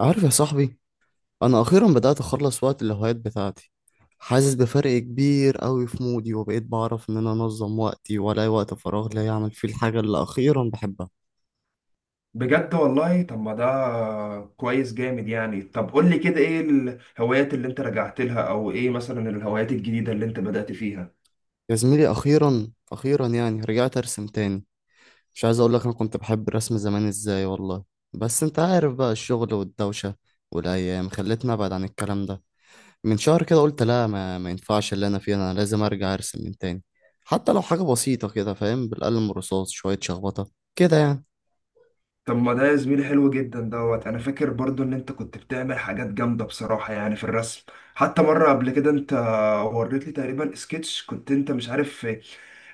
عارف يا صاحبي؟ انا اخيرا بدات اخلص وقت الهوايات بتاعتي. حاسس بفرق كبير قوي في مودي، وبقيت بعرف ان انا انظم وقتي والاقي وقت فراغ لا يعمل فيه الحاجه اللي اخيرا بحبها. بجد والله. طب ما ده كويس جامد يعني. طب قول لي كده، ايه الهوايات اللي انت رجعت لها، او ايه مثلا الهوايات الجديدة اللي انت بدأت فيها؟ يا زميلي، اخيرا اخيرا يعني رجعت ارسم تاني. مش عايز اقول لك انا كنت بحب الرسم زمان ازاي والله. بس انت عارف بقى، الشغل والدوشه والايام خلتني ابعد عن الكلام ده. من شهر كده قلت لا، ما ينفعش اللي انا فيه، انا لازم ارجع ارسم من تاني. حتى لو حاجه بسيطه كده فاهم، بالقلم الرصاص، شويه شخبطه كده يعني. طب ما ده يا زميلي حلو جدا. دوت انا فاكر برضو ان انت كنت بتعمل حاجات جامدة بصراحة يعني في الرسم. حتى مرة قبل كده انت وريت لي تقريبا سكتش، كنت انت مش عارف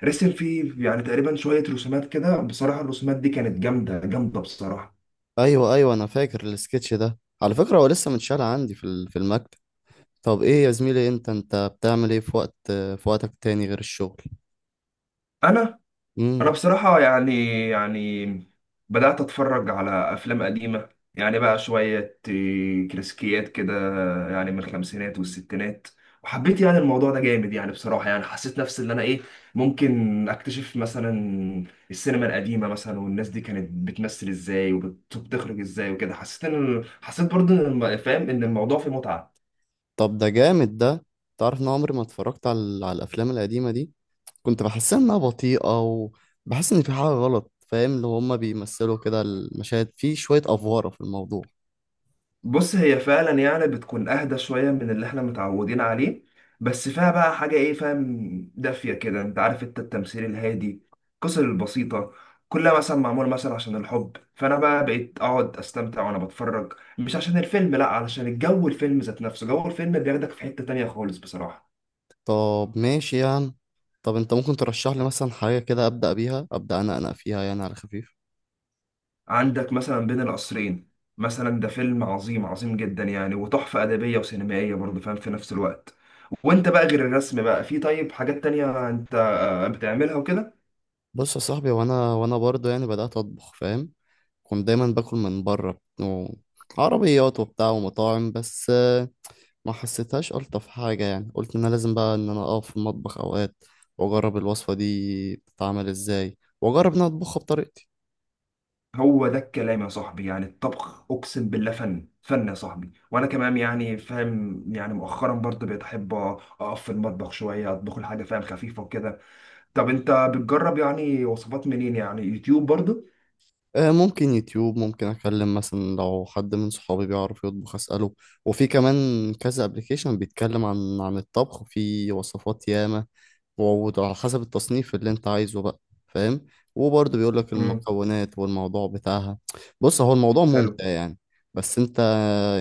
رسم فيه يعني تقريبا شوية رسومات كده، بصراحة الرسومات دي كانت جامدة جامدة بصراحة. ايوه ايوه، انا فاكر السكتش ده. على فكره هو لسه متشال عندي في المكتب. طب ايه يا زميلي، انت بتعمل ايه في وقتك تاني غير الشغل؟ انا انا امم. بصراحه يعني بدات اتفرج على افلام قديمه. يعني بقى شويه كلاسيكيات كده، يعني من الخمسينات والستينات. وحبيت يعني الموضوع ده جامد يعني بصراحه. يعني حسيت نفسي ان انا ايه، ممكن اكتشف مثلا السينما القديمه مثلا، والناس دي كانت بتمثل ازاي وبتخرج ازاي وكده. حسيت برضه إن فاهم ان الموضوع فيه متعه. طب ده جامد ده. تعرف ان عمري ما اتفرجت على الافلام القديمه دي. كنت بحسها انها بطيئه، وبحس ان في حاجه غلط فاهم، اللي هما بيمثلوا كده المشاهد، في شويه افواره في الموضوع. بص هي فعلا يعني بتكون اهدى شويه من اللي احنا متعودين عليه، بس فيها بقى حاجه ايه فاهم، دافيه كده، انت عارف، انت التمثيل الهادي، القصص البسيطه، كلها مثلا معمول مثلا عشان الحب. فانا بقى بقيت اقعد استمتع وانا بتفرج، مش عشان الفيلم، لا، علشان الجو، الفيلم ذات نفسه جو الفيلم بياخدك في حته تانية خالص بصراحه. طب ماشي يعني. طب انت ممكن ترشح لي مثلا حاجه كده ابدا بيها؟ ابدا انا فيها يعني على خفيف. عندك مثلا بين القصرين مثلا، ده فيلم عظيم عظيم جدا يعني، وتحفة أدبية وسينمائية برضه فاهم في نفس الوقت. وانت بقى غير الرسم بقى، في طيب حاجات تانية انت بتعملها وكده؟ بص يا صاحبي، وانا برضه يعني بدأت اطبخ فاهم. كنت دايما باكل من بره عربيات وبتاع ومطاعم. بس ما حسيتهاش الطف حاجه يعني، قلت ان انا لازم بقى ان انا اقف في المطبخ اوقات واجرب الوصفه دي بتتعمل ازاي، واجرب ان انا اطبخها بطريقتي. هو ده الكلام يا صاحبي. يعني الطبخ أقسم بالله فن فن يا صاحبي. وأنا كمان يعني فاهم، يعني مؤخرا برضه بقيت أحب أقف في المطبخ شوية أطبخ الحاجة فاهم خفيفة وكده. طب أنت بتجرب يعني وصفات منين؟ يعني يوتيوب برضه؟ آه، ممكن يوتيوب، ممكن اكلم مثلا لو حد من صحابي بيعرف يطبخ اساله. وفي كمان كذا ابلكيشن بيتكلم عن الطبخ، في وصفات ياما وعلى حسب التصنيف اللي انت عايزه بقى فاهم، وبرضه بيقول لك امم. المكونات والموضوع بتاعها. بص، هو الموضوع ممتع يعني. بس انت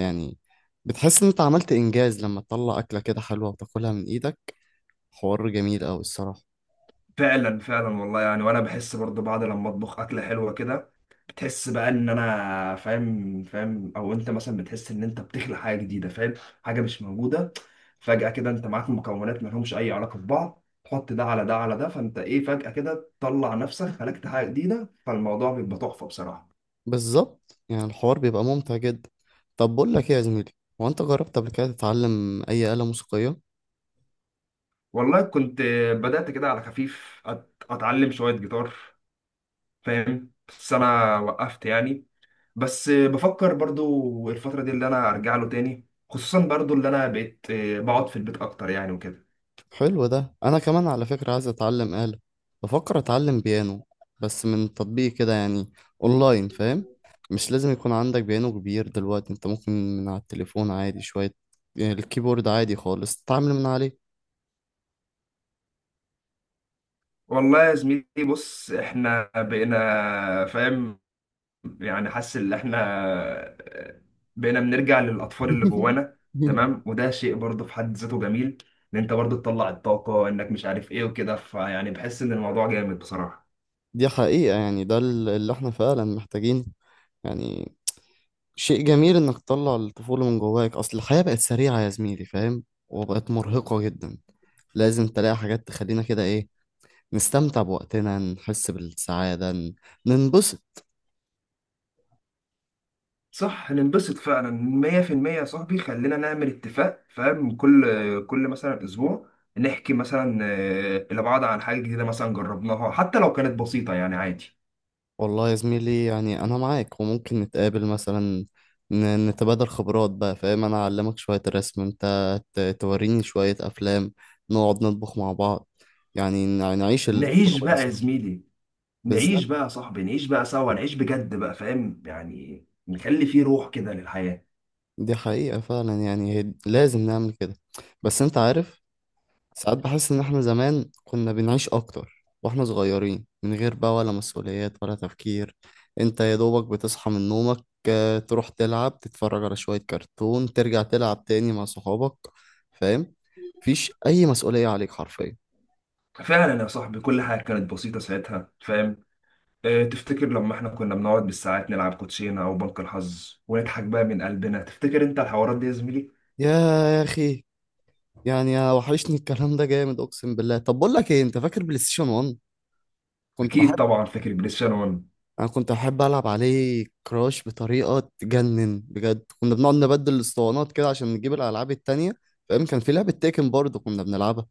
يعني بتحس ان انت عملت انجاز لما تطلع اكله كده حلوه وتاكلها من ايدك. حوار جميل قوي الصراحه. فعلا فعلا والله يعني. وانا بحس برضه بعد لما اطبخ اكله حلوه كده، بتحس بقى ان انا فاهم او انت مثلا بتحس ان انت بتخلق حاجه جديده فاهم، حاجه مش موجوده. فجاه كده انت معاك مكونات ما لهمش اي علاقه ببعض، تحط ده على ده على ده، فانت ايه فجاه كده تطلع نفسك خلقت حاجه جديده، فالموضوع بيبقى تحفه بصراحه. بالظبط، يعني الحوار بيبقى ممتع جدا. طب بقول لك ايه يا زميلي، هو انت جربت قبل كده تتعلم اي آلة موسيقية؟ والله كنت بدات كده على خفيف اتعلم شويه جيتار فاهم، بس انا وقفت يعني. بس بفكر برضو الفترة دي اللي أنا أرجع له تاني، خصوصا برضو اللي أنا بقيت بقعد في البيت أكتر يعني وكده. حلو ده، انا كمان على فكرة عايز اتعلم آلة. بفكر اتعلم بيانو، بس من تطبيق كده يعني، اونلاين فاهم. مش لازم يكون عندك بيانو كبير دلوقتي، انت ممكن من على التليفون عادي شوية يعني، الكيبورد عادي خالص تتعامل من عليه. والله يا زميلي، بص إحنا بقينا فاهم، يعني حاسس إن إحنا آه، بقينا بنرجع للأطفال اللي جوانا. تمام. وده شيء برضو في حد ذاته جميل، إن أنت برضو تطلع الطاقة إنك مش عارف إيه وكده، فيعني بحس إن الموضوع جامد بصراحة. دي حقيقة، يعني ده اللي احنا فعلا محتاجينه. يعني شيء جميل انك تطلع الطفولة من جواك، اصل الحياة بقت سريعة يا زميلي فاهم، وبقت مرهقة جدا. لازم تلاقي حاجات تخلينا كده ايه، نستمتع بوقتنا، نحس بالسعادة، ننبسط. صح، ننبسط فعلا 100% يا صاحبي. خلينا نعمل اتفاق فاهم، كل مثلا اسبوع نحكي مثلا لبعض عن حاجه جديده مثلا جربناها، حتى لو كانت بسيطه يعني عادي. والله يا زميلي يعني أنا معاك، وممكن نتقابل مثلا، نتبادل خبرات بقى فاهم. أنا أعلمك شوية رسم، أنت توريني شوية أفلام، نقعد نطبخ مع بعض، يعني نعيش نعيش التجربة دي بقى يا سوا. زميلي، نعيش بالظبط. بقى يا صاحبي، نعيش بقى سوا، نعيش بجد بقى فاهم، يعني نخلي فيه روح كده للحياه. دي حقيقة فعلا، يعني لازم نعمل كده. بس أنت عارف، ساعات بحس إن إحنا زمان كنا بنعيش أكتر وإحنا صغيرين، من غير بقى ولا مسؤوليات ولا تفكير. أنت يا دوبك بتصحى من نومك، تروح تلعب، تتفرج على شوية كرتون، ترجع تلعب تاني مع صحابك فاهم، مفيش أي مسؤولية عليك حرفيا. فعلا يا صاحبي، كل حاجه كانت بسيطه ساعتها فاهم. تفتكر لما احنا كنا بنقعد بالساعات نلعب كوتشينه او بنك الحظ ونضحك بقى من قلبنا؟ تفتكر انت الحوارات دي يا زميلي؟ يا يا أخي، يعني وحشني الكلام ده جامد أقسم بالله. طب بقول لك إيه، أنت فاكر بلاي ستيشن 1؟ كنت اكيد بحب، طبعا فاكر بلاي ستيشن 1. انا كنت احب العب عليه كراش بطريقه تجنن بجد. كنا بنقعد نبدل الاسطوانات كده عشان نجيب الالعاب التانية فاهم. كان في لعبه تيكن برضه كنا بنلعبها.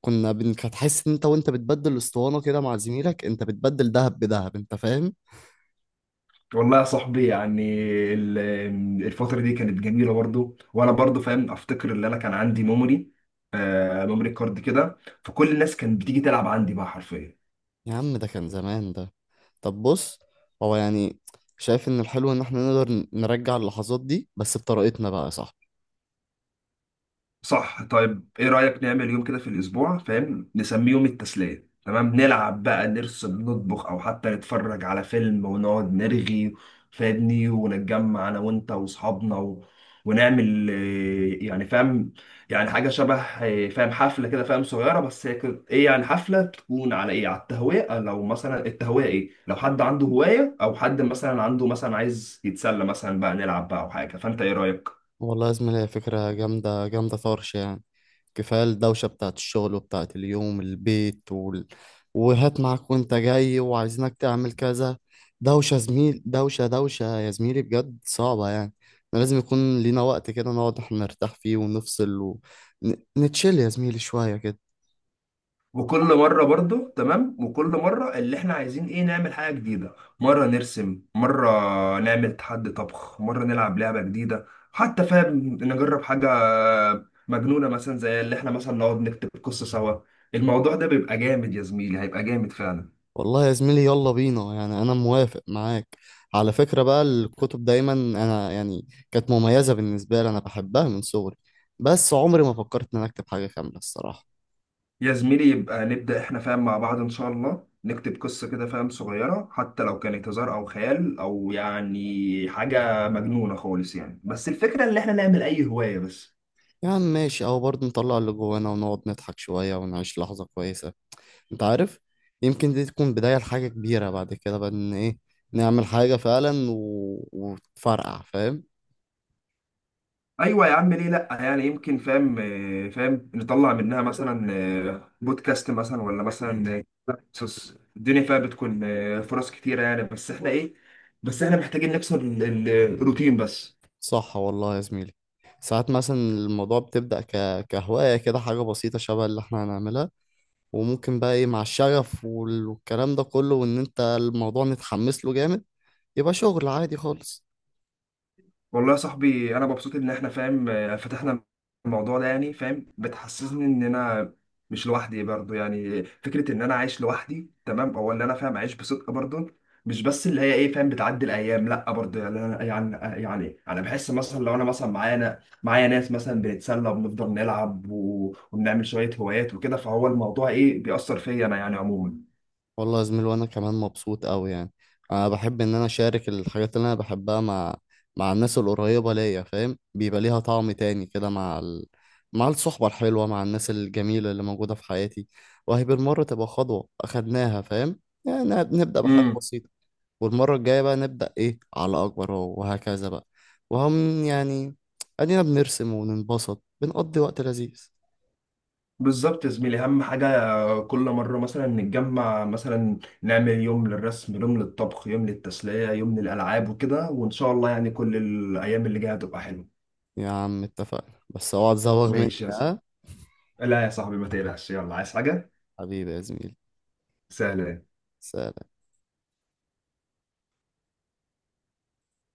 هتحس ان انت وانت بتبدل الاسطوانه كده مع زميلك، انت بتبدل دهب بدهب انت فاهم. والله يا صاحبي يعني ال- الفتره دي كانت جميله برضو. وانا برضو فاهم افتكر ان انا كان عندي ميموري كارد كده، فكل الناس كانت بتيجي تلعب عندي بقى حرفيا. يا عم ده كان زمان ده. طب بص، هو يعني شايف ان الحلو ان احنا نقدر نرجع اللحظات دي بس بطريقتنا بقى، صح؟ صح. طيب ايه رأيك نعمل يوم كده في الاسبوع فاهم، نسميه يوم التسلية؟ تمام، نلعب بقى، نرسم، نطبخ، او حتى نتفرج على فيلم ونقعد نرغي فاهمني، ونتجمع انا وانت واصحابنا ونعمل يعني فاهم، يعني حاجة شبه فاهم حفلة كده فاهم صغيرة. بس هي ايه يعني، حفلة تكون على ايه، على التهوية. لو مثلا التهوية ايه، لو حد عنده هواية او حد مثلا عنده مثلا عايز يتسلى مثلا بقى نلعب بقى او حاجة. فانت ايه رأيك؟ والله يا زميلي هي فكرة جامدة جامدة طرش يعني. كفاية الدوشة بتاعت الشغل وبتاعت اليوم، البيت وهات معاك وانت جاي وعايزينك تعمل كذا. دوشة زميل، دوشة دوشة يا زميلي بجد، صعبة يعني. احنا لازم يكون لينا وقت كده نقعد احنا نرتاح فيه ونفصل، ونتشيل يا زميلي شوية كده. وكل مره برضو تمام، وكل مره اللي احنا عايزين ايه، نعمل حاجه جديده، مره نرسم، مره نعمل تحدي طبخ، مره نلعب لعبه جديده، حتى فاهم نجرب حاجه مجنونه مثلا، زي اللي احنا مثلا نقعد نكتب قصه سوا. الموضوع ده بيبقى جامد يا زميلي، هيبقى جامد فعلا. والله يا زميلي يلا بينا يعني، انا موافق معاك. على فكرة بقى، الكتب دايما انا يعني كانت مميزة بالنسبة لي، انا بحبها من صغري. بس عمري ما فكرت ان انا اكتب حاجة كاملة الصراحة. يا زميلي يبقى نبدا احنا فاهم مع بعض ان شاء الله، نكتب قصه كده فاهم صغيره، حتى لو كانت هزار او خيال او يعني حاجه مجنونه خالص يعني، بس الفكره ان احنا نعمل اي هوايه بس. يا عم ماشي، اهو برضه نطلع اللي جوانا ونقعد نضحك شوية ونعيش لحظة كويسة. انت عارف، يمكن دي تكون بداية لحاجة كبيرة بعد كده بقى، ان ايه، نعمل حاجة فعلا وتفرقع فاهم. ايوه يا عم، ليه لا يعني. يمكن فاهم فاهم نطلع منها مثلا بودكاست مثلا، ولا مثلا قصص. الدنيا فيها بتكون فرص كتيره يعني. بس احنا ايه، بس احنا محتاجين نكسر الروتين بس. صح والله يا زميلي. ساعات مثلا الموضوع بتبدأ كهواية كده، حاجة بسيطة شبه اللي احنا هنعملها، وممكن بقى ايه مع الشغف والكلام ده كله، وان انت الموضوع متحمس له جامد، يبقى شغل عادي خالص. والله يا صاحبي، انا مبسوط ان احنا فاهم فتحنا الموضوع ده. يعني فاهم بتحسسني ان انا مش لوحدي برضو، يعني فكره ان انا عايش لوحدي تمام، او ان انا فاهم عايش بصدق برضو، مش بس اللي هي ايه فاهم بتعدي الايام، لا. برضو يعني انا يعني انا بحس مثلا لو انا مثلا معانا معايا ناس مثلا بنتسلى وبنفضل نلعب وبنعمل شويه هوايات وكده، فهو الموضوع ايه بيأثر فيا انا يعني عموما. والله يا زميل، وانا كمان مبسوط قوي يعني. انا بحب ان انا اشارك الحاجات اللي انا بحبها مع الناس القريبة ليا فاهم، بيبقى ليها طعم تاني كده مع الصحبة الحلوة، مع الناس الجميلة اللي موجودة في حياتي. وهي بالمرة تبقى خطوة اخدناها فاهم، يعني نبدأ بحاجة بسيطة، والمرة الجاية بقى نبدأ إيه على أكبر وهكذا بقى. وهم يعني أدينا بنرسم وننبسط، بنقضي وقت لذيذ. بالظبط يا زميلي. اهم حاجه كل مره مثلا نتجمع، مثلا نعمل يوم للرسم، يوم للطبخ، يوم للتسليه، يوم للالعاب وكده. وان شاء الله يعني كل الايام اللي جايه هتبقى حلوه. يا عم اتفقنا، بس اوعى تزوغ مني ماشي يا صاحبي. ها. لا يا صاحبي ما تقلقش. يلا، عايز حاجه؟ حبيبي يا زميلي. سهله. سلام.